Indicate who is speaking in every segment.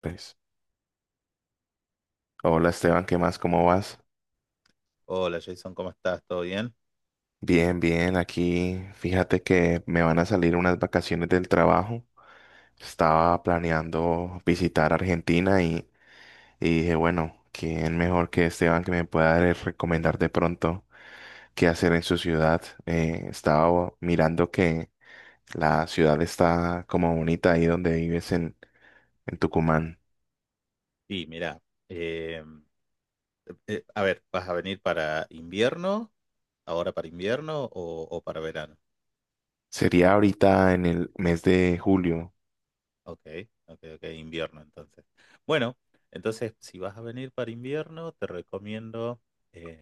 Speaker 1: Pues, hola Esteban, ¿qué más? ¿Cómo vas?
Speaker 2: Hola Jason, ¿cómo estás? ¿Todo bien?
Speaker 1: Bien, bien, aquí fíjate que me van a salir unas vacaciones del trabajo. Estaba planeando visitar Argentina y dije, bueno, ¿quién mejor que Esteban que me pueda recomendar de pronto qué hacer en su ciudad? Estaba mirando que la ciudad está como bonita ahí donde vives en Tucumán.
Speaker 2: Sí, mira, eh, a ver, ¿vas a venir para invierno? ¿Ahora para invierno o para verano?
Speaker 1: Sería ahorita en el mes de julio.
Speaker 2: Ok, ok, ok, invierno entonces. Bueno, entonces si vas a venir para invierno, te recomiendo eh,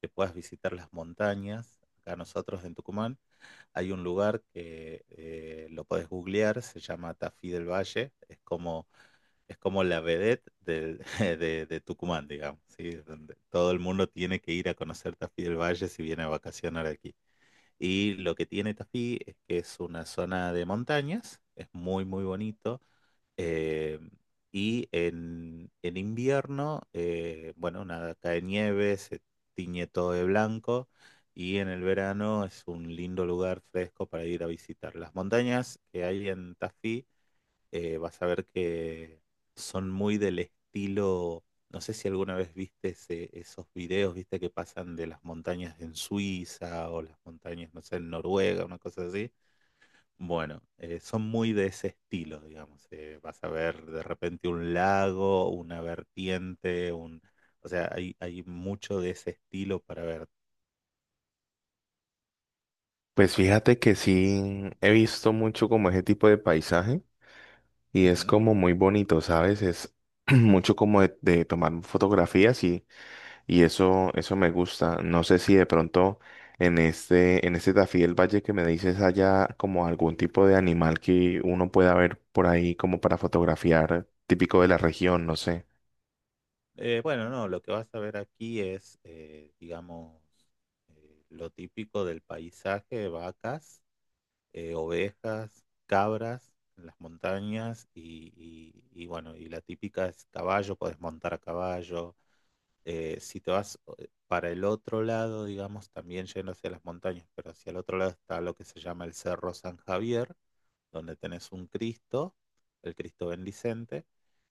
Speaker 2: que puedas visitar las montañas. Acá nosotros en Tucumán hay un lugar que lo podés googlear, se llama Tafí del Valle. Es como la vedette de Tucumán, digamos, ¿sí? Donde todo el mundo tiene que ir a conocer Tafí del Valle si viene a vacacionar aquí. Y lo que tiene Tafí es que es una zona de montañas, es muy, muy bonito. eh, y en invierno, bueno, nada, cae nieve, se tiñe todo de blanco. Y en el verano es un lindo lugar fresco para ir a visitar. Las montañas que hay en Tafí vas a ver que son muy del estilo, no sé si alguna vez viste esos videos, viste que pasan de las montañas en Suiza o las montañas, no sé, en Noruega, una cosa así. Bueno, son muy de ese estilo, digamos. Vas a ver de repente un lago, una vertiente, un... O sea, hay mucho de ese estilo para ver.
Speaker 1: Pues fíjate que sí he visto mucho como ese tipo de paisaje y es
Speaker 2: Ujú.
Speaker 1: como muy bonito, ¿sabes? Es mucho como de tomar fotografías y eso me gusta. No sé si de pronto en este Tafí del Valle que me dices haya como algún tipo de animal que uno pueda ver por ahí como para fotografiar, típico de la región, no sé.
Speaker 2: Bueno, no, lo que vas a ver aquí es, digamos, lo típico del paisaje, vacas, ovejas, cabras en las montañas y bueno, y la típica es caballo, podés montar a caballo, si te vas para el otro lado, digamos, también yendo hacia las montañas, pero hacia el otro lado está lo que se llama el Cerro San Javier, donde tenés un Cristo, el Cristo bendicente,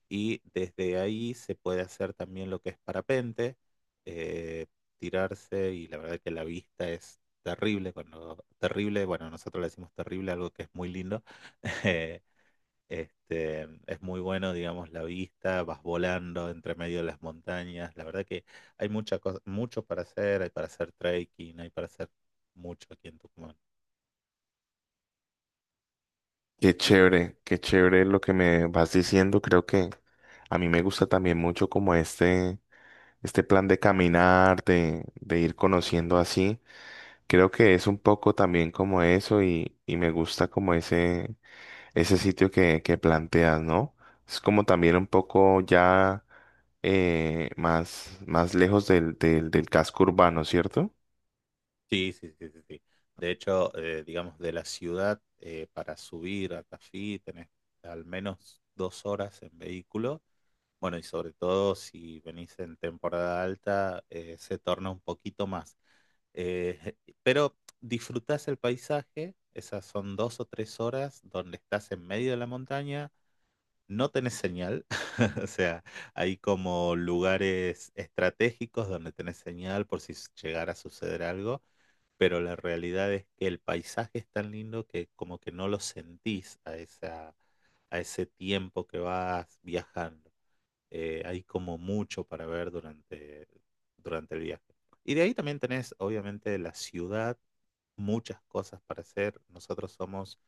Speaker 2: y desde ahí se puede hacer también lo que es parapente, eh, tirarse, y la verdad que la vista es terrible, cuando terrible, bueno, nosotros le decimos terrible, algo que es muy lindo, eh, este, es muy bueno, digamos, la vista, vas volando entre medio de las montañas. La verdad que hay mucha cosa, mucho para hacer, hay para hacer trekking, hay para hacer mucho aquí en Tucumán.
Speaker 1: Qué chévere lo que me vas diciendo. Creo que a mí me gusta también mucho como este. Este plan de caminar, de ir conociendo así, creo que es un poco también como eso y me gusta como ese sitio que planteas, ¿no? Es como también un poco ya más, más lejos del, del casco urbano, ¿cierto?
Speaker 2: Sí, sí, sí, sí, sí. De hecho, digamos, de la ciudad para subir a Tafí tenés al menos dos horas en vehículo. Bueno, y sobre todo si venís en temporada alta, se torna un poquito más. Eh, pero disfrutás el paisaje, esas son dos o tres horas donde estás en medio de la montaña, no tenés señal, o sea, hay como lugares estratégicos donde tenés señal por si llegara a suceder algo, pero la realidad es que el paisaje es tan lindo que como que no lo sentís a esa, a ese tiempo que vas viajando hay como mucho para ver durante el viaje. Y de ahí también tenés, obviamente, la ciudad, muchas cosas para hacer. Nosotros somos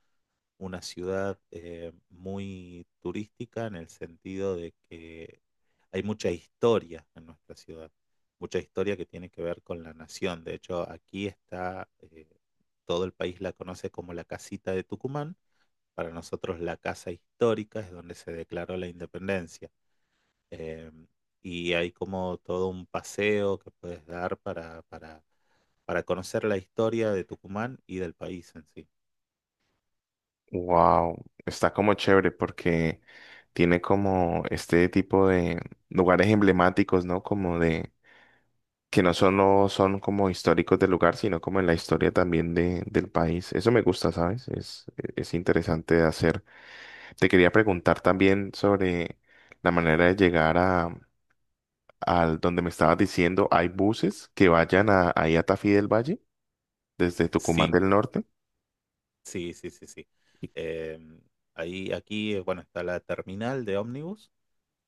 Speaker 2: una ciudad muy turística en el sentido de que hay mucha historia en nuestra ciudad, mucha historia que tiene que ver con la nación. De hecho, aquí está, todo el país la conoce como la casita de Tucumán. Para nosotros la casa histórica es donde se declaró la independencia eh, y hay como todo un paseo que puedes dar para conocer la historia de Tucumán y del país en sí.
Speaker 1: Wow, está como chévere porque tiene como este tipo de lugares emblemáticos, ¿no? Como de que no solo son como históricos del lugar, sino como en la historia también de, del país. Eso me gusta, ¿sabes? Es interesante de hacer. Te quería preguntar también sobre la manera de llegar a, al donde me estabas diciendo, ¿hay buses que vayan a, ahí a Tafí del Valle desde Tucumán
Speaker 2: Sí,
Speaker 1: del Norte?
Speaker 2: sí, sí, sí, sí. Eh, aquí, bueno, está la terminal de ómnibus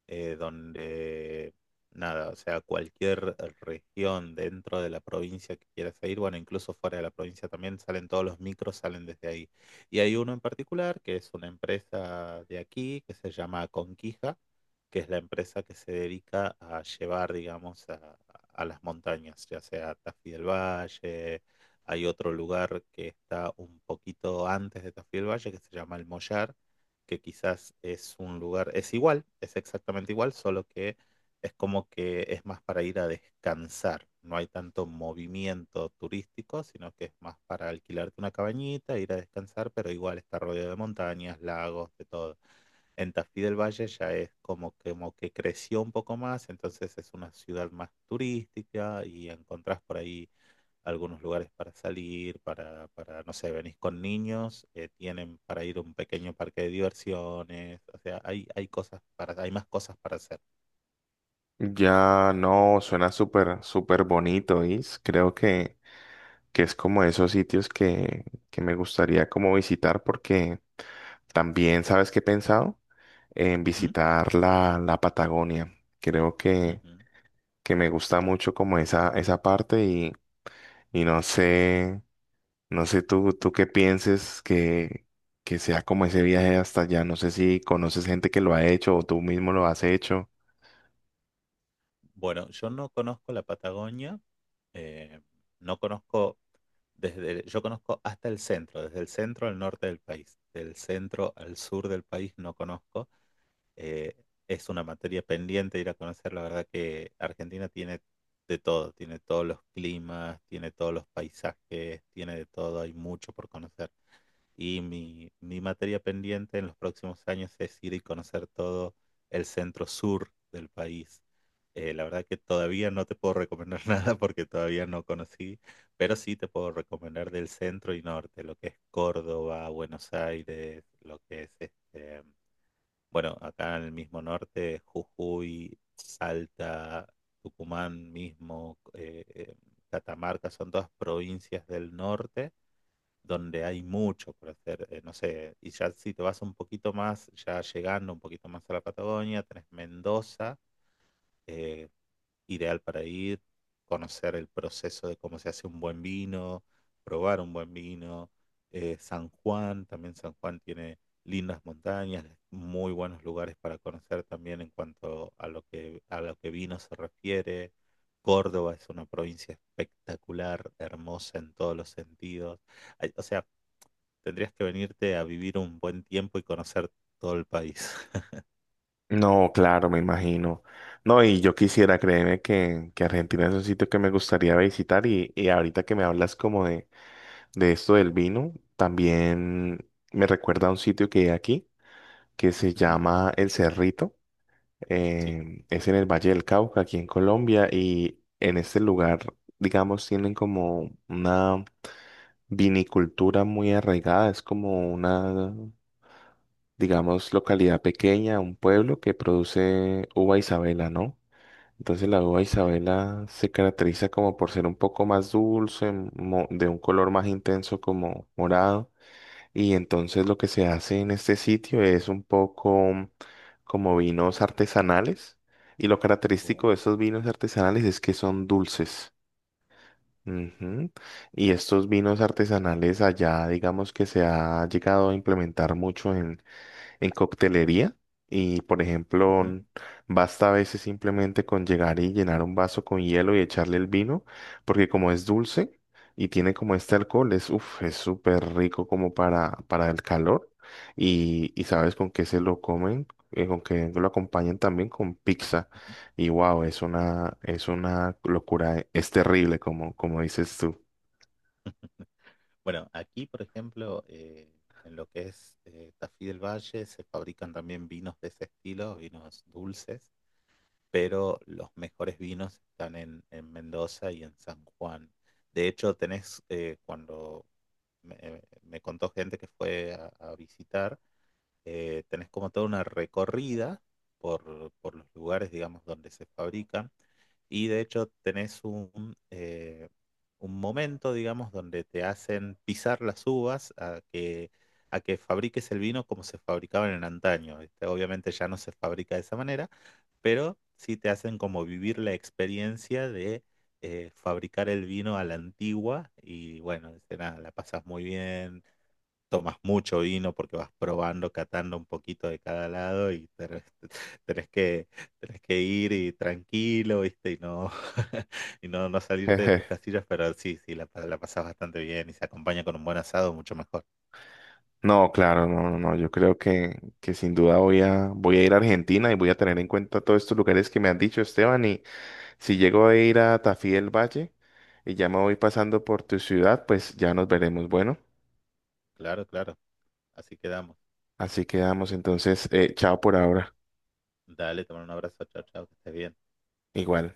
Speaker 2: donde nada, o sea, cualquier región dentro de la provincia que quieras ir, bueno, incluso fuera de la provincia también salen todos los micros, salen desde ahí. Y hay uno en particular que es una empresa de aquí que se llama Conquija, que es la empresa que se dedica a llevar, digamos, a las montañas, ya sea Tafí del Valle. Hay otro lugar que está un poquito antes de Tafí del Valle que se llama El Mollar, que quizás es un lugar, es igual, es exactamente igual, solo que es como que es más para ir a descansar. No hay tanto movimiento turístico, sino que es más para alquilarte una cabañita, ir a descansar, pero igual está rodeado de montañas, lagos, de todo. En Tafí del Valle ya es como que creció un poco más, entonces es una ciudad más turística y encontrás por ahí algunos lugares para salir, no sé, venís con niños, tienen para ir a un pequeño parque de diversiones, o sea, hay cosas para, hay más cosas para hacer.
Speaker 1: Ya no, suena súper, súper bonito, is creo que es como esos sitios que me gustaría como visitar porque también, ¿sabes qué he pensado? En
Speaker 2: Ujú,
Speaker 1: visitar la, la Patagonia. Creo
Speaker 2: ujú.
Speaker 1: que me gusta mucho como esa parte y no sé, no sé tú, tú qué pienses que sea como ese viaje hasta allá. No sé si conoces gente que lo ha hecho o tú mismo lo has hecho.
Speaker 2: Bueno, yo no conozco la Patagonia, eh, no conozco desde, yo conozco hasta el centro, desde el centro al norte del país, del centro al sur del país no conozco. eh, es una materia pendiente ir a conocer. La verdad que Argentina tiene de todo, tiene todos los climas, tiene todos los paisajes, tiene de todo, hay mucho por conocer. Y mi materia pendiente en los próximos años es ir y conocer todo el centro sur del país. La verdad que todavía no te puedo recomendar nada porque todavía no conocí, pero sí te puedo recomendar del centro y norte, lo que es Córdoba, Buenos Aires, lo que es este, bueno, acá en el mismo norte, Jujuy, Salta, Tucumán mismo, Catamarca, son todas provincias del norte donde hay mucho por hacer. No sé, y ya si te vas un poquito más, ya llegando un poquito más a la Patagonia, tenés Mendoza, eh, ideal para ir, conocer el proceso de cómo se hace un buen vino, probar un buen vino. San Juan, también San Juan tiene lindas montañas, muy buenos lugares para conocer también en cuanto a lo que vino se refiere. Córdoba es una provincia espectacular, hermosa en todos los sentidos. Ay, o sea, tendrías que venirte a vivir un buen tiempo y conocer todo el país.
Speaker 1: No, claro, me imagino. No, y yo quisiera, créeme que Argentina es un sitio que me gustaría visitar y ahorita que me hablas como de esto del vino, también me recuerda a un sitio que hay aquí que se
Speaker 2: Ujú,
Speaker 1: llama El Cerrito.
Speaker 2: sí,
Speaker 1: Eh, es en el Valle del Cauca, aquí en Colombia, y en este lugar, digamos, tienen como una vinicultura muy arraigada, es como una, digamos, localidad pequeña, un pueblo que produce uva Isabela, ¿no? Entonces la uva
Speaker 2: ok.
Speaker 1: Isabela se caracteriza como por ser un poco más dulce, de un color más intenso como morado. Y entonces lo que se hace en este sitio es un poco como vinos artesanales. Y lo
Speaker 2: Oh.
Speaker 1: característico de estos vinos artesanales es que son dulces.
Speaker 2: Ujú,
Speaker 1: Ujú. Y estos vinos artesanales allá, digamos que se ha llegado a implementar mucho en coctelería y, por ejemplo, basta a veces simplemente con llegar y llenar un vaso con hielo y echarle el vino, porque como es dulce y tiene como este alcohol, es, uf, es súper rico como para el calor y sabes con qué se lo comen. Eh, con que lo acompañan también con pizza
Speaker 2: ujú.
Speaker 1: y wow, es una locura, es terrible como, como dices tú.
Speaker 2: Bueno, aquí, por ejemplo, en lo que es Tafí del Valle, se fabrican también vinos de ese estilo, vinos dulces, pero los mejores vinos están en Mendoza y en San Juan. De hecho, tenés, cuando me contó gente que fue a visitar, tenés como toda una recorrida por los lugares, digamos, donde se fabrican. Y de hecho tenés un momento, digamos, donde te hacen pisar las uvas a que fabriques el vino como se fabricaban en antaño. ¿Viste? Obviamente ya no se fabrica de esa manera, pero sí te hacen como vivir la experiencia de fabricar el vino a la antigua y bueno, dice, nada, la pasas muy bien, tomas mucho vino porque vas probando, catando un poquito de cada lado y tenés que, tenés que ir y tranquilo, ¿viste? Y no, y no, no salirte de tus casillas, pero sí, sí, la, la pasás bastante bien y se acompaña con un buen asado, mucho mejor.
Speaker 1: No, claro, no, no, no. Yo creo que sin duda voy voy a ir a Argentina y voy a tener en cuenta todos estos lugares que me han dicho, Esteban. Y si
Speaker 2: Ujú,
Speaker 1: llego a ir a Tafí del Valle y ya me voy pasando por tu ciudad, pues ya nos veremos. Bueno,
Speaker 2: claro, claro. Así quedamos.
Speaker 1: así quedamos entonces. Eh, chao por ahora.
Speaker 2: Dale, te mando un abrazo, chao, chao, que estés bien.
Speaker 1: Igual.